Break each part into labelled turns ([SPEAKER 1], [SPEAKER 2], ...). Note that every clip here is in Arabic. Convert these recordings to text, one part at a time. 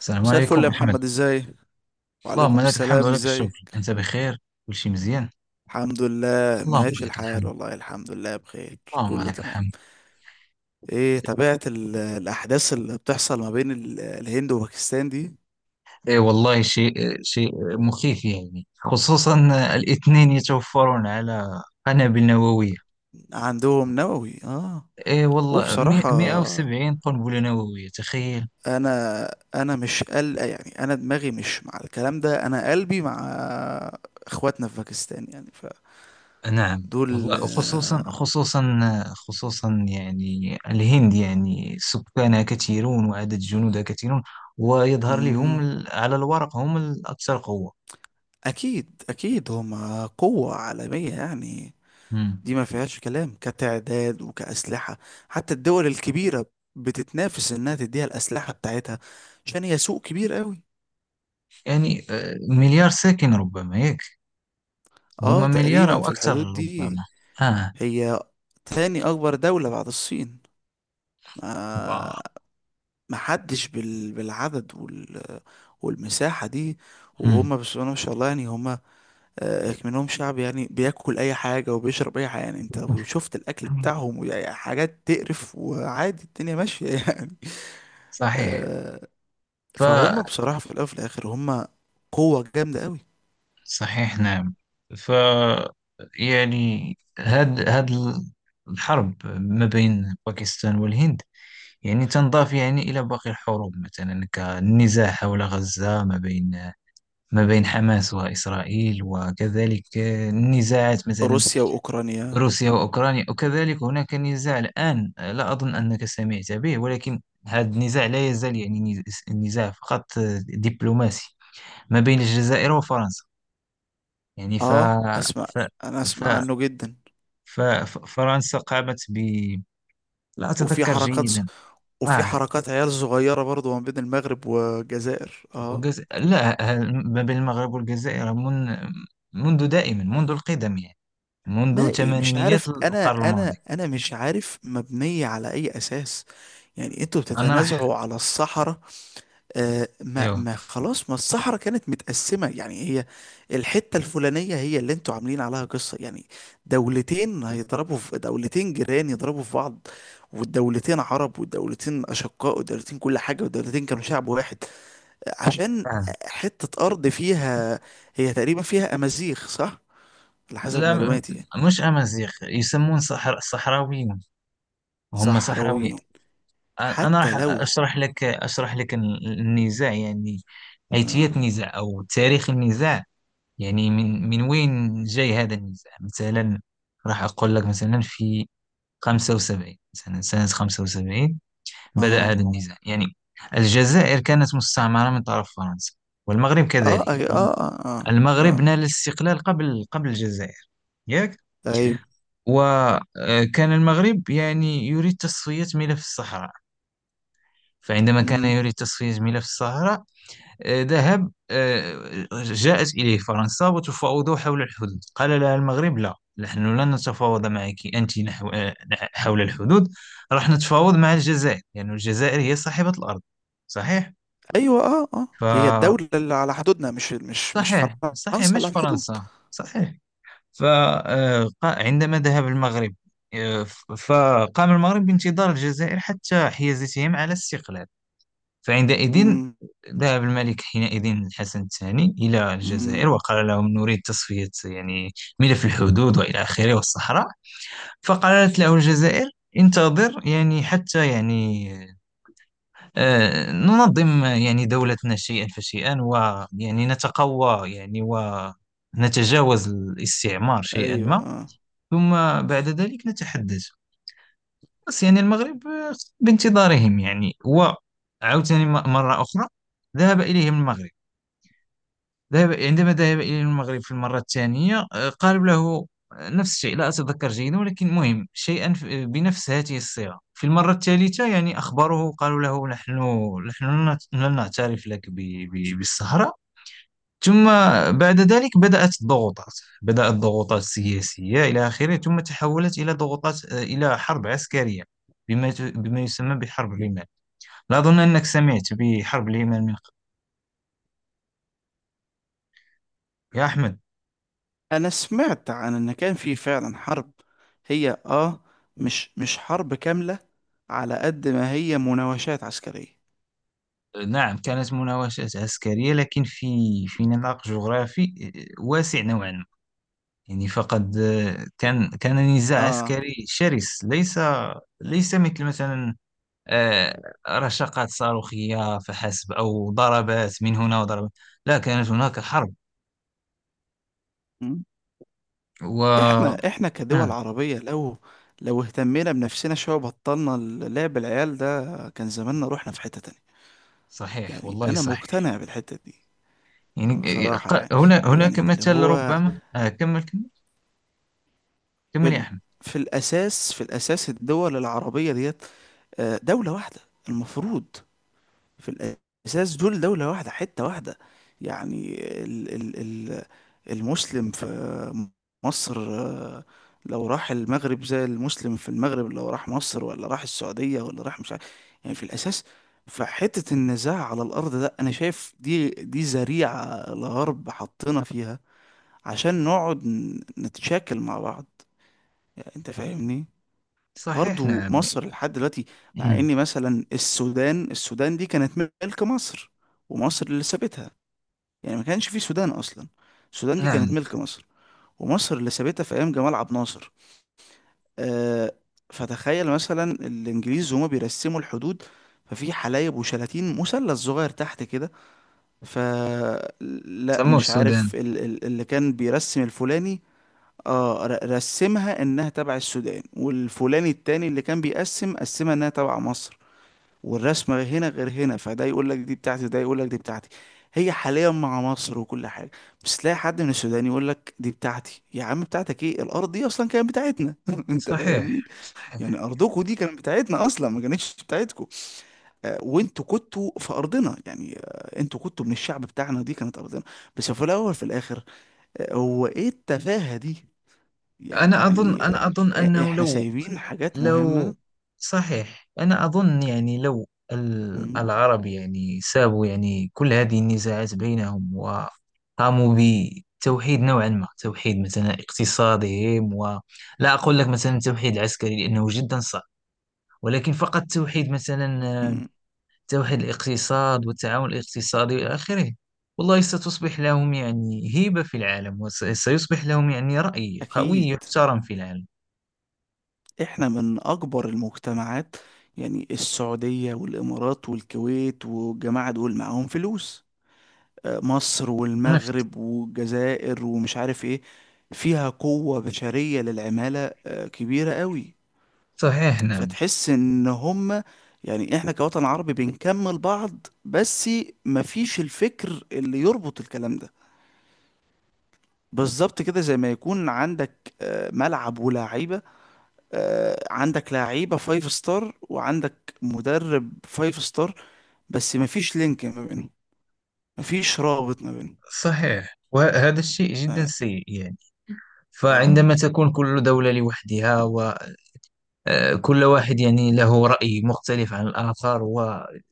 [SPEAKER 1] السلام
[SPEAKER 2] مساء الفل
[SPEAKER 1] عليكم
[SPEAKER 2] يا
[SPEAKER 1] أحمد.
[SPEAKER 2] محمد، ازاي؟
[SPEAKER 1] اللهم
[SPEAKER 2] وعليكم
[SPEAKER 1] لك الحمد
[SPEAKER 2] السلام،
[SPEAKER 1] ولك
[SPEAKER 2] ازاي؟
[SPEAKER 1] الشكر، أنت بخير؟ كل شيء مزيان؟
[SPEAKER 2] الحمد لله
[SPEAKER 1] اللهم
[SPEAKER 2] ماشي
[SPEAKER 1] لك
[SPEAKER 2] الحال
[SPEAKER 1] الحمد.
[SPEAKER 2] والله، الحمد لله بخير
[SPEAKER 1] اللهم
[SPEAKER 2] كله
[SPEAKER 1] لك
[SPEAKER 2] تمام.
[SPEAKER 1] الحمد.
[SPEAKER 2] ايه، تابعت الاحداث اللي بتحصل ما بين الهند وباكستان دي؟
[SPEAKER 1] إيه والله، شيء مخيف يعني، خصوصا الاثنين يتوفرون على قنابل نووية.
[SPEAKER 2] عندهم نووي، اه.
[SPEAKER 1] إيه والله،
[SPEAKER 2] وبصراحة
[SPEAKER 1] 170 قنبلة نووية، تخيل.
[SPEAKER 2] انا انا مش قل، يعني انا دماغي مش مع الكلام ده، انا قلبي مع اخواتنا في باكستان يعني،
[SPEAKER 1] نعم والله،
[SPEAKER 2] فدول.
[SPEAKER 1] خصوصا خصوصا يعني الهند، يعني سكانها كثيرون وعدد جنودها كثيرون، ويظهر لي هم
[SPEAKER 2] مم،
[SPEAKER 1] على الورق هم الأكثر قوة.
[SPEAKER 2] اكيد اكيد هما قوة عالمية يعني،
[SPEAKER 1] مم.
[SPEAKER 2] دي ما فيهاش كلام كتعداد وكأسلحة. حتى الدول الكبيرة بتتنافس إنها تديها الأسلحة بتاعتها عشان هي سوق كبير قوي.
[SPEAKER 1] يعني مليار ساكن ربما، ياك؟
[SPEAKER 2] اه،
[SPEAKER 1] هما مليار
[SPEAKER 2] تقريبا
[SPEAKER 1] أو
[SPEAKER 2] في
[SPEAKER 1] أكثر
[SPEAKER 2] الحدود دي.
[SPEAKER 1] ربما. آه.
[SPEAKER 2] هي تاني أكبر دولة بعد الصين.
[SPEAKER 1] واو.
[SPEAKER 2] ما ما حدش بالعدد والمساحة دي.
[SPEAKER 1] مم.
[SPEAKER 2] وهم بسم الله ما شاء الله يعني هم، آه، منهم شعب يعني بياكل أي حاجة وبيشرب أي حاجة، يعني أنت لو شفت الأكل بتاعهم وحاجات تقرف وعادي، الدنيا ماشية يعني.
[SPEAKER 1] صحيح. ف
[SPEAKER 2] فهم بصراحة في الأول وفي الآخر هم قوة جامدة قوي.
[SPEAKER 1] صحيح نعم. ف يعني هاد الحرب ما بين باكستان والهند، يعني تنضاف يعني إلى باقي الحروب، مثلا كالنزاع حول غزة ما بين ما بين حماس وإسرائيل، وكذلك النزاعات مثلا
[SPEAKER 2] روسيا وأوكرانيا.
[SPEAKER 1] روسيا وأوكرانيا. وكذلك هناك نزاع الآن، لا أظن أنك سمعت به، ولكن هذا النزاع لا يزال يعني نزاع فقط دبلوماسي، ما بين الجزائر وفرنسا. يعني
[SPEAKER 2] اه، اسمع،
[SPEAKER 1] ف...
[SPEAKER 2] انا
[SPEAKER 1] ف...
[SPEAKER 2] اسمع عنه جدا.
[SPEAKER 1] فرنسا قامت ب، لا
[SPEAKER 2] وفي
[SPEAKER 1] أتذكر
[SPEAKER 2] حركات ز...
[SPEAKER 1] جيدا.
[SPEAKER 2] وفي
[SPEAKER 1] آه.
[SPEAKER 2] حركات عيال صغيرة برضو ما بين المغرب والجزائر، اه.
[SPEAKER 1] لا، ما بين المغرب والجزائر منذ دائما، منذ القدم يعني،
[SPEAKER 2] ما
[SPEAKER 1] منذ
[SPEAKER 2] إيه، مش عارف،
[SPEAKER 1] ثمانينيات
[SPEAKER 2] انا
[SPEAKER 1] القرن
[SPEAKER 2] انا
[SPEAKER 1] الماضي.
[SPEAKER 2] انا مش عارف مبنية على اي اساس، يعني انتوا
[SPEAKER 1] أنا راح.
[SPEAKER 2] بتتنازعوا على الصحراء؟ آه، ما
[SPEAKER 1] أيوه.
[SPEAKER 2] ما خلاص، ما الصحراء كانت متقسمة يعني، هي الحتة الفلانية هي اللي انتوا عاملين عليها قصة يعني. دولتين هيضربوا في دولتين، جيران يضربوا في بعض، والدولتين عرب والدولتين أشقاء والدولتين كل حاجة والدولتين كانوا شعب واحد. آه، عشان
[SPEAKER 1] آه.
[SPEAKER 2] حتة أرض فيها. هي تقريبا فيها أمازيغ، صح؟ على حسب
[SPEAKER 1] لا م-
[SPEAKER 2] معلوماتي يعني.
[SPEAKER 1] مش أمازيغ، يسمون صحراويين، هم صحراويين.
[SPEAKER 2] صحراويين.
[SPEAKER 1] أنا
[SPEAKER 2] حتى
[SPEAKER 1] راح
[SPEAKER 2] لو.
[SPEAKER 1] أشرح لك، أشرح لك النزاع يعني، أيتية
[SPEAKER 2] اه
[SPEAKER 1] النزاع أو تاريخ النزاع يعني، من وين جاي هذا النزاع مثلا. راح أقول لك مثلا في 75، مثلا سنة 75 بدأ
[SPEAKER 2] اه
[SPEAKER 1] هذا النزاع يعني. الجزائر كانت مستعمرة من طرف فرنسا، والمغرب
[SPEAKER 2] اه
[SPEAKER 1] كذلك.
[SPEAKER 2] اه اه، آه.
[SPEAKER 1] المغرب
[SPEAKER 2] آه.
[SPEAKER 1] نال الاستقلال قبل الجزائر، ياك؟
[SPEAKER 2] ايوه.
[SPEAKER 1] وكان المغرب يعني يريد تصفية ملف الصحراء. فعندما كان يريد تصفية ملف الصحراء، آه، ذهب آه، جاءت إليه فرنسا وتفاوضوا حول الحدود. قال لها المغرب: لا، نحن لن نتفاوض معك أنت نحو حول الحدود، راح نتفاوض مع الجزائر، لأن الجزائر هي صاحبة الأرض. صحيح.
[SPEAKER 2] ايوه اه اه،
[SPEAKER 1] ف
[SPEAKER 2] هي الدولة اللي على حدودنا، مش
[SPEAKER 1] صحيح،
[SPEAKER 2] فرنسا اللي
[SPEAKER 1] مش
[SPEAKER 2] على الحدود.
[SPEAKER 1] فرنسا، صحيح. فعندما ذهب المغرب، فقام المغرب بانتظار الجزائر حتى حيازتهم على الاستقلال. فعندئذ
[SPEAKER 2] امم.
[SPEAKER 1] ذهب الملك حينئذ الحسن الثاني إلى الجزائر،
[SPEAKER 2] امم.
[SPEAKER 1] وقال لهم: نريد تصفية يعني ملف الحدود وإلى آخره والصحراء. فقالت له الجزائر: انتظر يعني، حتى يعني ننظم يعني دولتنا شيئا فشيئا، ويعني نتقوى يعني ونتجاوز الاستعمار شيئا
[SPEAKER 2] ايوه
[SPEAKER 1] ما،
[SPEAKER 2] اه.
[SPEAKER 1] ثم بعد ذلك نتحدث. بس يعني المغرب بانتظارهم يعني. وعاوتاني مرة أخرى ذهب إليهم المغرب. ذهب، عندما ذهب إليهم المغرب في المرة الثانية، قالوا له نفس الشيء، لا أتذكر جيدا ولكن مهم شيئا، بنفس هذه الصيغة. في المرة الثالثة يعني أخبروه، قالوا له: نحن لن نعترف لك بالسهرة. ثم بعد ذلك بدأت الضغوطات، بدأت الضغوطات السياسية إلى آخره، ثم تحولت إلى ضغوطات إلى حرب عسكرية، بما يسمى بحرب اليمن. لا أظن أنك سمعت بحرب اليمن من قبل، يا أحمد.
[SPEAKER 2] انا سمعت عن ان كان في فعلا حرب. هي اه، مش حرب كاملة، على قد ما هي مناوشات عسكرية.
[SPEAKER 1] نعم كانت مناوشات عسكرية، لكن في في نطاق جغرافي واسع نوعا ما، يعني. فقد كان نزاع
[SPEAKER 2] اه.
[SPEAKER 1] عسكري شرس، ليس مثل مثلا رشقات صاروخية فحسب، أو ضربات من هنا وضربات، لا، كانت هناك حرب.
[SPEAKER 2] مم.
[SPEAKER 1] و،
[SPEAKER 2] احنا كدول
[SPEAKER 1] آه.
[SPEAKER 2] عربية لو، لو اهتمينا بنفسنا شوية وبطلنا لعب العيال ده، كان زماننا رحنا في حتة تانية.
[SPEAKER 1] صحيح،
[SPEAKER 2] يعني
[SPEAKER 1] والله
[SPEAKER 2] انا
[SPEAKER 1] صحيح،
[SPEAKER 2] مقتنع بالحتة دي
[SPEAKER 1] يعني.
[SPEAKER 2] بصراحة يعني.
[SPEAKER 1] هنا هناك
[SPEAKER 2] يعني اللي
[SPEAKER 1] مثل،
[SPEAKER 2] هو،
[SPEAKER 1] ربما. آه، كمل، كمل
[SPEAKER 2] في
[SPEAKER 1] كمل يا
[SPEAKER 2] ال...
[SPEAKER 1] أحمد.
[SPEAKER 2] في الأساس، في الأساس الدول العربية ديت آه، دولة واحدة المفروض. في الأساس دول دولة واحدة حتة واحدة يعني. ال... ال... ال... المسلم في مصر آه، لو راح المغرب، زي المسلم في المغرب لو راح مصر ولا راح السعودية ولا راح، مش عارف. يعني في الأساس فحتة النزاع على الأرض ده، أنا شايف دي ذريعة الغرب حطينا فيها عشان نقعد نتشاكل مع بعض. يعني أنت فاهمني؟
[SPEAKER 1] صحيح
[SPEAKER 2] برضو
[SPEAKER 1] نعم.
[SPEAKER 2] مصر لحد دلوقتي، مع
[SPEAKER 1] مم.
[SPEAKER 2] ان مثلا السودان دي كانت ملك مصر، ومصر اللي سابتها. يعني ما كانش في سودان اصلا. السودان دي
[SPEAKER 1] نعم،
[SPEAKER 2] كانت ملك مصر، ومصر اللي سابتها في ايام جمال عبد الناصر. آه، فتخيل مثلا الانجليز هما بيرسموا الحدود، ففي حلايب وشلاتين، مثلث صغير تحت كده، فلا،
[SPEAKER 1] سموه
[SPEAKER 2] مش
[SPEAKER 1] السودان.
[SPEAKER 2] عارف، اللي كان بيرسم الفلاني اه، رسمها انها تبع السودان، والفلاني التاني اللي كان بيقسم قسمها انها تبع مصر. والرسمة هنا غير هنا، فده يقول لك دي بتاعتي، وده يقول لك دي بتاعتي. هي حاليا مع مصر وكل حاجة، بس تلاقي حد من السودان يقول لك دي بتاعتي. يا عم، بتاعتك ايه، الأرض دي أصلا كانت بتاعتنا. أنت
[SPEAKER 1] صحيح
[SPEAKER 2] فاهمني؟
[SPEAKER 1] صحيح.
[SPEAKER 2] يعني أرضكوا دي كانت بتاعتنا أصلا، ما كانتش بتاعتكوا. آه، وأنتوا كنتوا في أرضنا يعني، آه، أنتوا كنتوا من الشعب بتاعنا، دي كانت أرضنا. بس في الأول في الآخر، آه، هو ايه التفاهة دي؟ يعني
[SPEAKER 1] أنا أظن
[SPEAKER 2] آه،
[SPEAKER 1] أنه
[SPEAKER 2] إحنا
[SPEAKER 1] لو،
[SPEAKER 2] سايبين حاجات مهمة.
[SPEAKER 1] لو، صحيح. أنا أظن يعني لو
[SPEAKER 2] مم.
[SPEAKER 1] العرب يعني سابوا يعني كل هذه النزاعات بينهم، وقاموا بتوحيد نوعا ما، توحيد مثلا اقتصادهم، ولا أقول لك مثلا توحيد العسكري، لأنه جدا صعب. ولكن فقط توحيد مثلا
[SPEAKER 2] مم.
[SPEAKER 1] توحيد الاقتصاد والتعاون الاقتصادي إلى آخره، والله ستصبح لهم يعني هيبة في العالم، وسيصبح لهم يعني رأي قوي
[SPEAKER 2] أكيد.
[SPEAKER 1] يحترم في العالم.
[SPEAKER 2] احنا من اكبر المجتمعات، يعني السعودية والامارات والكويت والجماعة دول معاهم فلوس، آه، مصر
[SPEAKER 1] نفط.
[SPEAKER 2] والمغرب والجزائر ومش عارف ايه، فيها قوة بشرية للعمالة آه، كبيرة قوي.
[SPEAKER 1] صحيح نعم.
[SPEAKER 2] فتحس ان هم، يعني احنا كوطن عربي بنكمل بعض، بس مفيش الفكر اللي يربط الكلام ده. بالظبط كده، زي ما يكون عندك آه، ملعب ولاعيبة، آه، عندك لعيبة فايف ستار وعندك مدرب فايف ستار، بس مفيش لينك ما بينهم، مفيش رابط ما بينهم.
[SPEAKER 1] صحيح، وهذا الشيء جدا
[SPEAKER 2] اه،
[SPEAKER 1] سيء يعني.
[SPEAKER 2] آه.
[SPEAKER 1] فعندما تكون كل دولة لوحدها، وكل واحد يعني له رأي مختلف عن الآخر، ونجد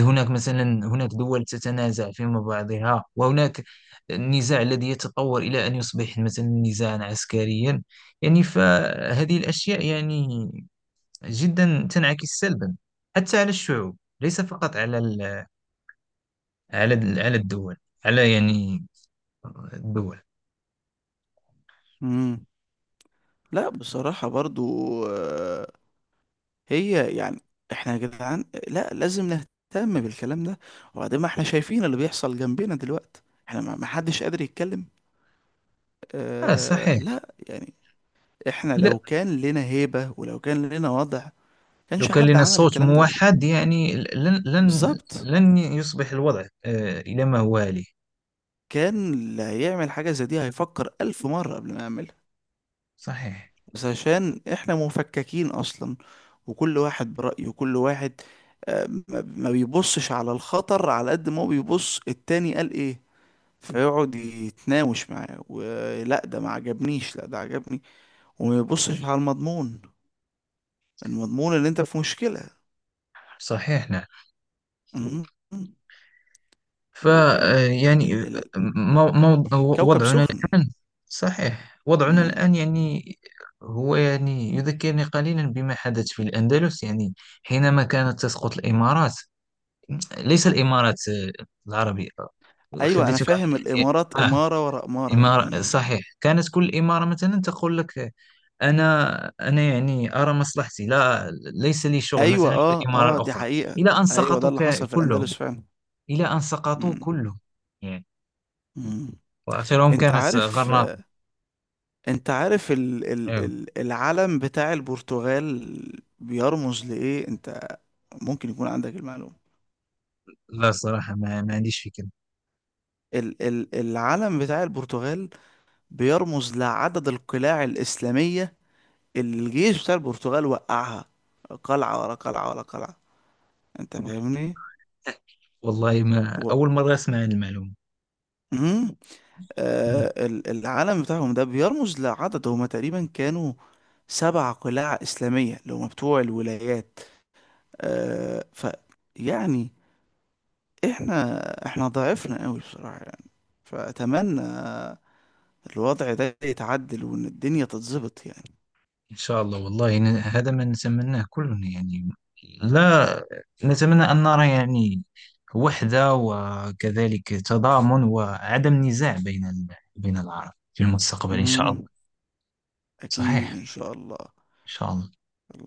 [SPEAKER 1] هناك مثلا، هناك دول تتنازع فيما بعضها، وهناك النزاع الذي يتطور إلى أن يصبح مثلا نزاعا عسكريا، يعني فهذه الأشياء يعني جدا تنعكس سلبا حتى على الشعوب، ليس فقط على على الدول، على يعني الدول.
[SPEAKER 2] مم. لا بصراحة برضو آه، هي يعني، احنا يا جدعان لا، لازم نهتم بالكلام ده. وبعدين ما احنا شايفين اللي بيحصل جنبنا دلوقتي، احنا ما حدش قادر يتكلم،
[SPEAKER 1] آه.
[SPEAKER 2] آه
[SPEAKER 1] صحيح.
[SPEAKER 2] لا يعني. احنا لو كان لنا هيبة ولو كان لنا وضع،
[SPEAKER 1] لو
[SPEAKER 2] كانش
[SPEAKER 1] كان
[SPEAKER 2] حد
[SPEAKER 1] لنا
[SPEAKER 2] عمل
[SPEAKER 1] صوت
[SPEAKER 2] الكلام ده.
[SPEAKER 1] موحد، يعني
[SPEAKER 2] بالظبط،
[SPEAKER 1] لن يصبح الوضع إلى ما هو عليه.
[SPEAKER 2] كان اللي هيعمل حاجة زي دي هيفكر ألف مرة قبل ما يعملها.
[SPEAKER 1] صحيح.
[SPEAKER 2] بس عشان إحنا مفككين أصلا، وكل واحد برأيه، وكل واحد آه، ما بيبصش على الخطر، على قد ما هو بيبص التاني قال إيه، فيقعد يتناوش معاه، ولا ده ما عجبنيش، لا ده عجبني، وما يبصش على المضمون. المضمون اللي أنت في مشكلة.
[SPEAKER 1] صحيح نعم.
[SPEAKER 2] مم.
[SPEAKER 1] ف
[SPEAKER 2] ويعني
[SPEAKER 1] آه، يعني
[SPEAKER 2] ال-
[SPEAKER 1] آه،
[SPEAKER 2] ال-
[SPEAKER 1] مو- مو-
[SPEAKER 2] الكوكب
[SPEAKER 1] وضعنا
[SPEAKER 2] سخن.
[SPEAKER 1] الآن. صحيح، وضعنا
[SPEAKER 2] مم.
[SPEAKER 1] الآن يعني هو يعني يذكرني قليلا بما حدث في الأندلس، يعني حينما كانت تسقط الإمارات، ليس الإمارات العربية.
[SPEAKER 2] أيوة أنا
[SPEAKER 1] أحدثك
[SPEAKER 2] فاهم، الإمارات
[SPEAKER 1] عن، آه،
[SPEAKER 2] إمارة ورا إمارة.
[SPEAKER 1] إمارة.
[SPEAKER 2] مم.
[SPEAKER 1] صحيح، كانت كل إمارة مثلا تقول لك: أنا أنا يعني أرى مصلحتي، لا ليس لي شغل
[SPEAKER 2] ايوه
[SPEAKER 1] مثلا في
[SPEAKER 2] اه
[SPEAKER 1] الإمارة
[SPEAKER 2] اه، دي
[SPEAKER 1] الأخرى،
[SPEAKER 2] حقيقة.
[SPEAKER 1] إلى أن
[SPEAKER 2] ايوه ده
[SPEAKER 1] سقطوا
[SPEAKER 2] اللي حصل في الاندلس
[SPEAKER 1] كلهم.
[SPEAKER 2] فعلا.
[SPEAKER 1] إلى أن سقطوا
[SPEAKER 2] مم.
[SPEAKER 1] كلهم يعني،
[SPEAKER 2] مم.
[SPEAKER 1] وآخرهم
[SPEAKER 2] انت
[SPEAKER 1] كانت
[SPEAKER 2] عارف
[SPEAKER 1] غرناطة.
[SPEAKER 2] انت عارف
[SPEAKER 1] أيوه.
[SPEAKER 2] العلم بتاع البرتغال بيرمز لايه؟ انت ممكن يكون عندك المعلومة.
[SPEAKER 1] لا صراحة ما عنديش فكرة.
[SPEAKER 2] العلم بتاع البرتغال بيرمز لعدد القلاع الإسلامية اللي الجيش بتاع البرتغال وقعها. قلعة ورا قلعة ورا قلعة، انت فاهمني؟
[SPEAKER 1] والله ما
[SPEAKER 2] و...
[SPEAKER 1] أول مرة أسمع عن المعلومة.
[SPEAKER 2] مم.
[SPEAKER 1] مم.
[SPEAKER 2] آه، العلم بتاعهم ده بيرمز لعدد، هما تقريبا كانوا سبع قلاع إسلامية اللي هما بتوع الولايات، آه، ف يعني، احنا ضعفنا قوي بصراحة يعني. فأتمنى الوضع ده يتعدل وإن الدنيا تتظبط يعني.
[SPEAKER 1] إن شاء الله، والله، هذا ما نتمناه كلنا يعني. لا، نتمنى أن نرى يعني وحدة، وكذلك تضامن وعدم نزاع بين بين العرب في المستقبل إن شاء الله.
[SPEAKER 2] مم، أكيد
[SPEAKER 1] صحيح.
[SPEAKER 2] إن شاء الله.
[SPEAKER 1] ان شاء الله.